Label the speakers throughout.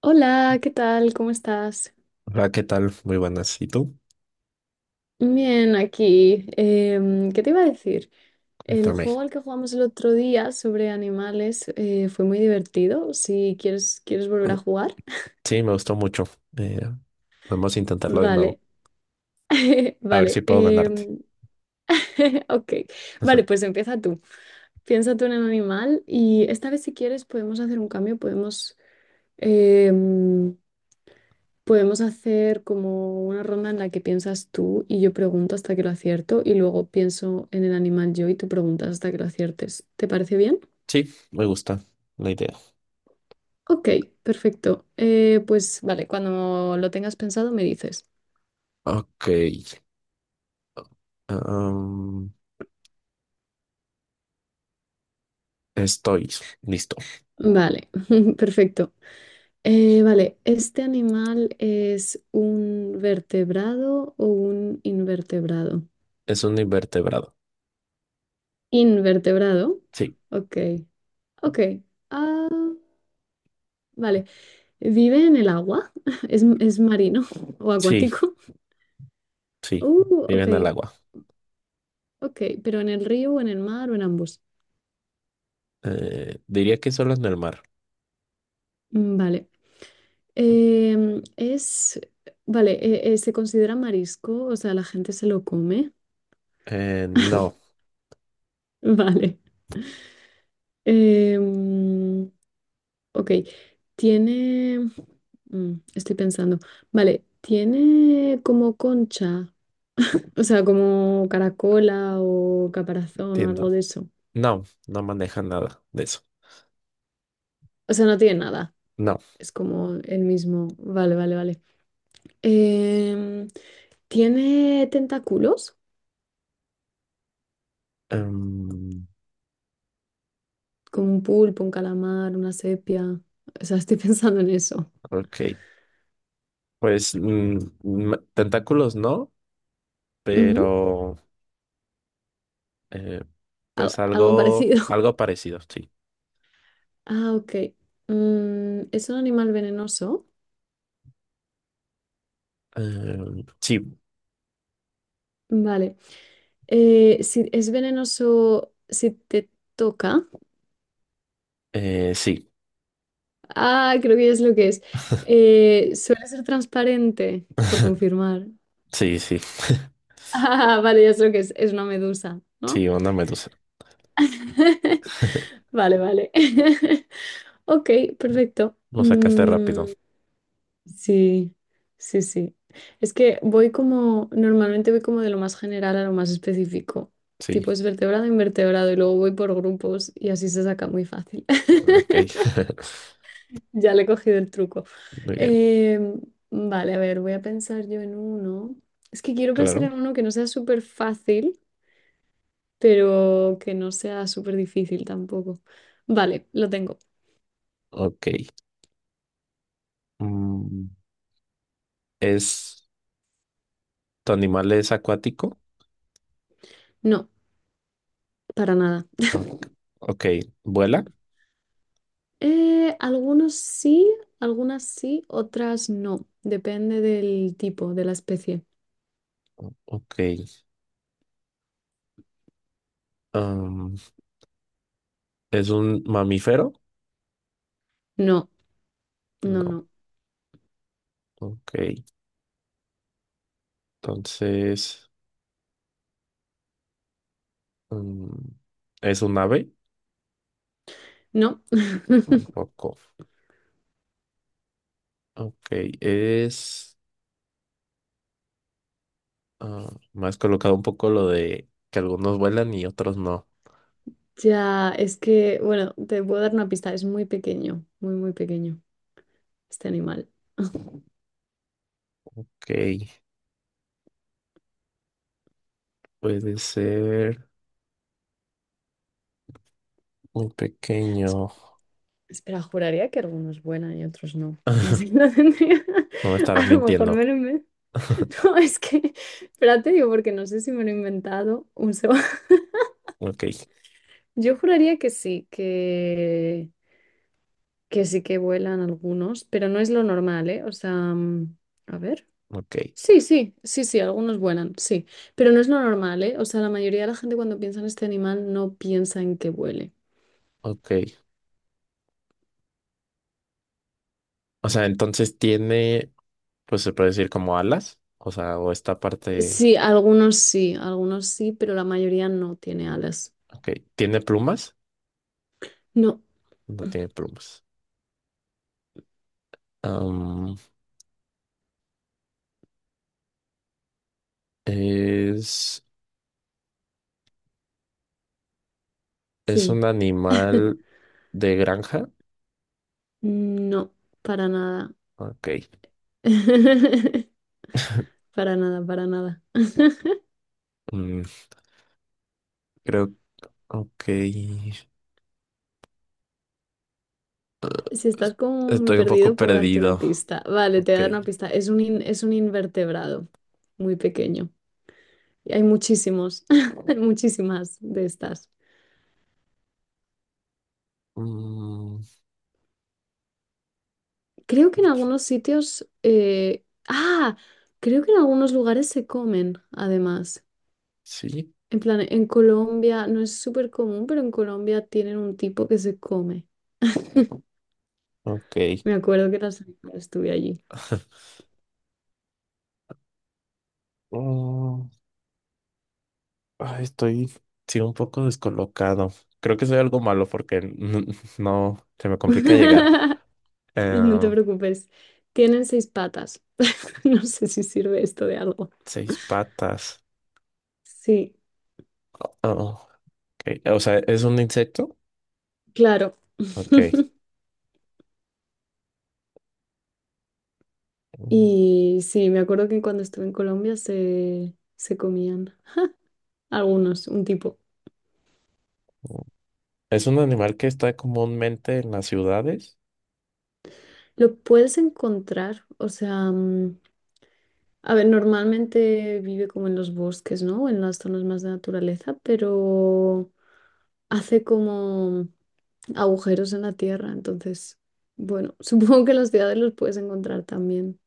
Speaker 1: Hola, ¿qué tal? ¿Cómo estás?
Speaker 2: Hola, ¿qué tal? Muy buenas. ¿Y tú?
Speaker 1: Bien, aquí. ¿Qué te iba a decir? El
Speaker 2: Cuéntame.
Speaker 1: juego al que jugamos el otro día sobre animales fue muy divertido. Si quieres, ¿quieres volver
Speaker 2: Mm,
Speaker 1: a jugar?
Speaker 2: sí, me gustó mucho. Eh, Vamos a intentarlo de nuevo.
Speaker 1: Vale,
Speaker 2: A ver si
Speaker 1: vale.
Speaker 2: puedo ganarte.
Speaker 1: em, ok, vale, pues empieza tú. Piensa tú en un animal y esta vez si quieres podemos hacer un cambio, em, Podemos hacer como una ronda en la que piensas tú y yo pregunto hasta que lo acierto y luego pienso en el animal yo y tú preguntas hasta que lo aciertes. ¿Te parece bien?
Speaker 2: Sí, me gusta la idea.
Speaker 1: Ok, perfecto. Pues vale, cuando lo tengas pensado me dices.
Speaker 2: Ok. am, Estoy listo.
Speaker 1: Vale, perfecto. Vale, ¿este animal es un vertebrado o un invertebrado?
Speaker 2: Es un invertebrado.
Speaker 1: Invertebrado.
Speaker 2: Sí,
Speaker 1: Ok, ok. Ah, vale. Vive en el agua, es marino o
Speaker 2: sí,
Speaker 1: acuático.
Speaker 2: sí.
Speaker 1: Ok,
Speaker 2: Viven al agua.
Speaker 1: ok, pero ¿en el río o en el mar o en ambos?
Speaker 2: Diría que solo en el mar.
Speaker 1: Mm, vale. Em, es, vale, se considera marisco, o sea, la gente se lo come.
Speaker 2: No,
Speaker 1: Vale. Em, ok, tiene, estoy pensando, vale, tiene como concha, o sea, como caracola o caparazón o algo de
Speaker 2: entiendo.
Speaker 1: eso.
Speaker 2: No, no manejan nada de eso.
Speaker 1: O sea, no tiene nada.
Speaker 2: No.
Speaker 1: Es como el mismo. Vale, vale, vale. Em, ¿Tiene tentáculos?
Speaker 2: Em,
Speaker 1: Como un pulpo, un calamar, una sepia. O sea, estoy pensando en eso.
Speaker 2: ok. Pues tentáculos no.
Speaker 1: Ujú.
Speaker 2: Pero eh, pues
Speaker 1: Algo
Speaker 2: algo,
Speaker 1: parecido.
Speaker 2: algo parecido, sí.
Speaker 1: Ah, ok. Mm, ¿es un animal venenoso?
Speaker 2: Em, sí,
Speaker 1: Vale. Si es venenoso si te toca.
Speaker 2: sí,
Speaker 1: Ah, creo que es lo que es. Suele ser transparente, por confirmar.
Speaker 2: sí, sí,
Speaker 1: Ah, vale, ya es lo que es. Es una medusa, ¿no?
Speaker 2: sí, una medusa.
Speaker 1: Vale, vale. Ok, perfecto.
Speaker 2: Lo sacaste rápido,
Speaker 1: Mm, sí, sí, sí. Es que voy como, normalmente voy como de lo más general a lo más específico.
Speaker 2: sí,
Speaker 1: Tipo, es vertebrado, invertebrado y luego voy por grupos y así se saca muy fácil.
Speaker 2: ok,
Speaker 1: Ya le he cogido el truco.
Speaker 2: muy bien,
Speaker 1: Em, vale, a ver, voy a pensar yo en uno. Es que quiero pensar
Speaker 2: claro,
Speaker 1: en uno que no sea súper fácil, pero que no sea súper difícil tampoco. Vale, lo tengo.
Speaker 2: ok. Mm, ¿es, ¿tu animal es acuático?
Speaker 1: No, para nada.
Speaker 2: Ok, ok, ¿vuela?
Speaker 1: Algunos sí, algunas sí, otras no. Depende del tipo, de la especie.
Speaker 2: Ok, um, ¿es un mamífero?
Speaker 1: No,
Speaker 2: No,
Speaker 1: no.
Speaker 2: ok, entonces, um, ¿es un ave?
Speaker 1: No.
Speaker 2: Tampoco. Ok, es... ah, me has colocado un poco lo de que algunos vuelan y otros no.
Speaker 1: Ya, es que, bueno, te puedo dar una pista. Es muy pequeño, muy, muy pequeño este animal.
Speaker 2: Ok, puede ser muy
Speaker 1: Es-
Speaker 2: pequeño.
Speaker 1: Espera, juraría que algunos buena y otros no. Sí, lo tendría.
Speaker 2: No me estarás
Speaker 1: A lo mejor
Speaker 2: mintiendo.
Speaker 1: me lo inven- No, es que, espérate, digo, porque no sé si me lo he inventado un segundo.
Speaker 2: Ok,
Speaker 1: Yo juraría que sí, que sí que vuelan algunos, pero no es lo normal, ¿eh? O sea, a ver.
Speaker 2: ok,
Speaker 1: Sí, sí, sí, sí, algunos vuelan, sí, pero no es lo normal, ¿eh? O sea, la mayoría de la gente cuando piensa en este animal no piensa en que vuele.
Speaker 2: ok. O sea, entonces tiene, pues se puede decir como alas. O sea, o esta parte.
Speaker 1: Sí, algunos sí, algunos sí, pero la mayoría no tiene alas.
Speaker 2: Ok, ¿tiene plumas?
Speaker 1: No,
Speaker 2: No tiene plumas. Am, es, es
Speaker 1: sí,
Speaker 2: un animal de granja.
Speaker 1: no, para nada.
Speaker 2: Ok.
Speaker 1: Para nada, para nada.
Speaker 2: mm, creo Ok, estoy
Speaker 1: Si estás como muy
Speaker 2: un poco
Speaker 1: perdido, puedo darte una
Speaker 2: perdido.
Speaker 1: pista. Vale, te voy a
Speaker 2: Ok.
Speaker 1: dar una pista. Es un, es un invertebrado muy pequeño. Y hay muchísimos, hay muchísimas de estas.
Speaker 2: Mm,
Speaker 1: Creo que en algunos sitios, creo que en algunos lugares se comen, además.
Speaker 2: sí,
Speaker 1: En plan, en Colombia no es súper común, pero en Colombia tienen un tipo que se come.
Speaker 2: ok.
Speaker 1: Me acuerdo que la semana estuve allí.
Speaker 2: Mm, ay, estoy, sí, un poco descolocado. Creo que soy algo malo porque no, se me complica llegar. Eh,
Speaker 1: No te preocupes. Tienen seis patas. No sé si sirve esto de algo.
Speaker 2: Seis patas.
Speaker 1: Sí,
Speaker 2: Oh, ok. O sea, ¿es un insecto?
Speaker 1: claro.
Speaker 2: Ok. Mm,
Speaker 1: Y sí, me acuerdo que cuando estuve en Colombia se comían algunos, un tipo.
Speaker 2: ¿es un animal que está comúnmente en las ciudades?
Speaker 1: Lo puedes encontrar, o sea, a ver, normalmente vive como en los bosques, ¿no? En las zonas más de naturaleza, pero hace como agujeros en la tierra, entonces, bueno, supongo que en las ciudades los puedes encontrar también.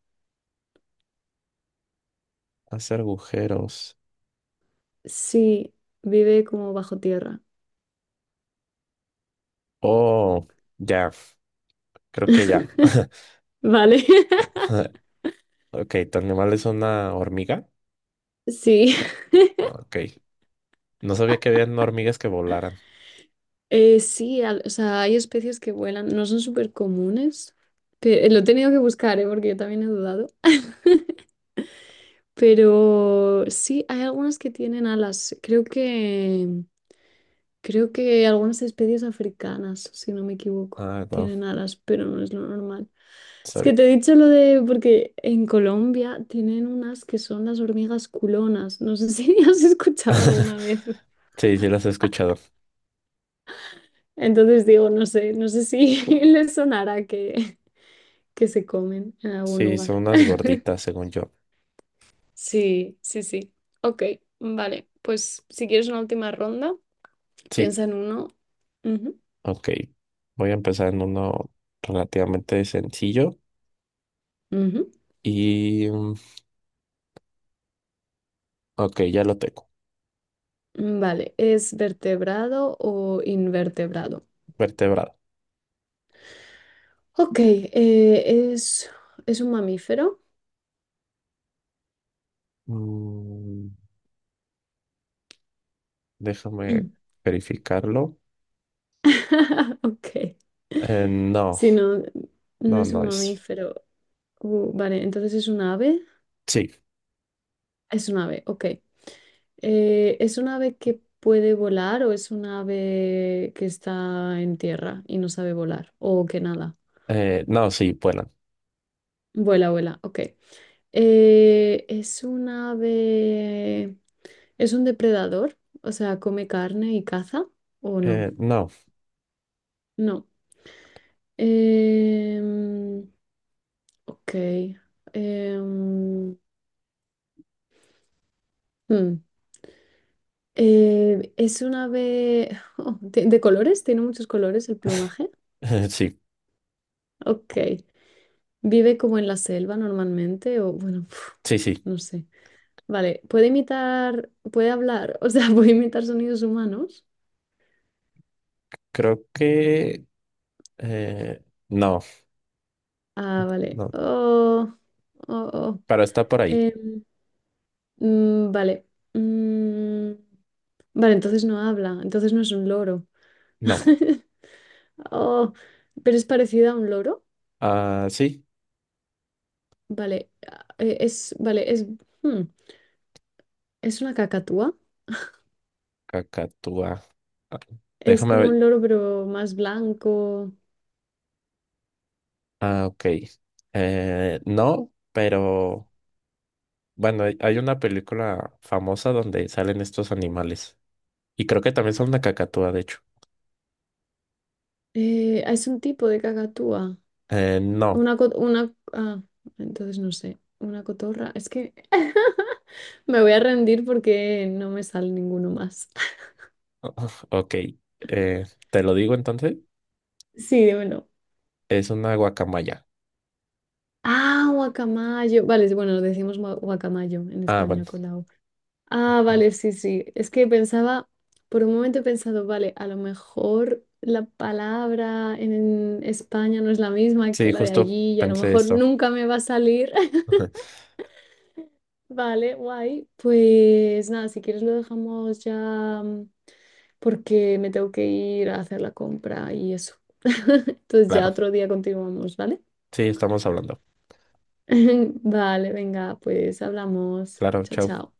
Speaker 2: Hace agujeros.
Speaker 1: Sí, vive como bajo tierra,
Speaker 2: Oh, ya, creo que ya.
Speaker 1: ¿vale?
Speaker 2: Ok, tu animal es una hormiga.
Speaker 1: Sí.
Speaker 2: Ah, ok. No sabía que habían hormigas que volaran.
Speaker 1: Sí, o sea, hay especies que vuelan, no son súper comunes, pero lo he tenido que buscar, ¿eh? Porque yo también he dudado. Pero sí, hay algunas que tienen alas. Creo que algunas especies africanas, si no me equivoco,
Speaker 2: Ah, no,
Speaker 1: tienen alas, pero no es lo normal. Es que
Speaker 2: sabía.
Speaker 1: te he dicho lo de, porque en Colombia tienen unas que son las hormigas culonas. No sé si has escuchado alguna vez.
Speaker 2: Sí, sí las he escuchado.
Speaker 1: Entonces digo, no sé, no sé si les sonará que se comen en algún
Speaker 2: Sí, son
Speaker 1: lugar.
Speaker 2: unas gorditas, según yo.
Speaker 1: Sí, sí, sí. Ok, vale. Pues si quieres una última ronda,
Speaker 2: Sí,
Speaker 1: piensa en uno. Ujú,
Speaker 2: ok. Voy a empezar en uno relativamente sencillo.
Speaker 1: ujú.
Speaker 2: Y, mm, ok, ya lo tengo.
Speaker 1: Vale, ¿es vertebrado o invertebrado?
Speaker 2: Vertebrado.
Speaker 1: Ok, es un mamífero.
Speaker 2: Mm, déjame
Speaker 1: Mm.
Speaker 2: verificarlo.
Speaker 1: Ok.
Speaker 2: No,
Speaker 1: Si no, no
Speaker 2: no,
Speaker 1: es
Speaker 2: no
Speaker 1: un
Speaker 2: es.
Speaker 1: mamífero. Vale, entonces es un ave.
Speaker 2: Sí.
Speaker 1: Es un ave, ok. ¿Es un ave que puede volar o es un ave que está en tierra y no sabe volar o que nada?
Speaker 2: No, sí, vuelan.
Speaker 1: Vuela, vuela, ok. Eh, ¿es un ave... ¿Es un depredador? O sea, ¿come carne y caza o no?
Speaker 2: No,
Speaker 1: No. Em, ok. Em, hmm. ¿Es un ave de colores? ¿Tiene muchos colores el plumaje?
Speaker 2: sí,
Speaker 1: Ok. Vive como en la selva normalmente o bueno,
Speaker 2: sí, sí.
Speaker 1: no sé. Vale, puede imitar, puede hablar, o sea, puede imitar sonidos humanos.
Speaker 2: Creo que No,
Speaker 1: Ah, vale.
Speaker 2: no,
Speaker 1: Oh, oh, oh.
Speaker 2: pero está por ahí.
Speaker 1: Em, vale. Mm, vale, entonces no habla, entonces no es un loro.
Speaker 2: No.
Speaker 1: Oh, pero es parecida a un loro.
Speaker 2: Ah, sí,
Speaker 1: Vale, hmm, es una cacatúa.
Speaker 2: cacatúa. Ah,
Speaker 1: Es
Speaker 2: déjame
Speaker 1: como un
Speaker 2: ver.
Speaker 1: loro, pero más blanco.
Speaker 2: Ah, ok. No, pero bueno, hay una película famosa donde salen estos animales. Y creo que también son una cacatúa, de hecho.
Speaker 1: Es un tipo de cacatúa.
Speaker 2: No.
Speaker 1: Una, co- una, ah, entonces no sé, una cotorra. Es que me voy a rendir porque no me sale ninguno más.
Speaker 2: Ok. Te lo digo entonces.
Speaker 1: Sí, dímelo.
Speaker 2: Es una guacamaya.
Speaker 1: Ah, guacamayo. Vale, bueno, decimos guacamayo en
Speaker 2: Ah, bueno.
Speaker 1: España con la O. Ah, vale, sí, sí. Es que pensaba, por un momento he pensado, vale, a lo mejor la palabra en España no es la misma que
Speaker 2: Sí,
Speaker 1: la de
Speaker 2: justo
Speaker 1: allí y a lo
Speaker 2: pensé
Speaker 1: mejor
Speaker 2: esto.
Speaker 1: nunca me va a salir. Vale, guay. Pues nada, si quieres lo dejamos ya porque me tengo que ir a hacer la compra y eso. Entonces ya
Speaker 2: Claro.
Speaker 1: otro día continuamos, ¿vale?
Speaker 2: Sí, estamos hablando.
Speaker 1: Vale, venga, pues hablamos.
Speaker 2: Claro,
Speaker 1: Chao,
Speaker 2: chao.
Speaker 1: chao.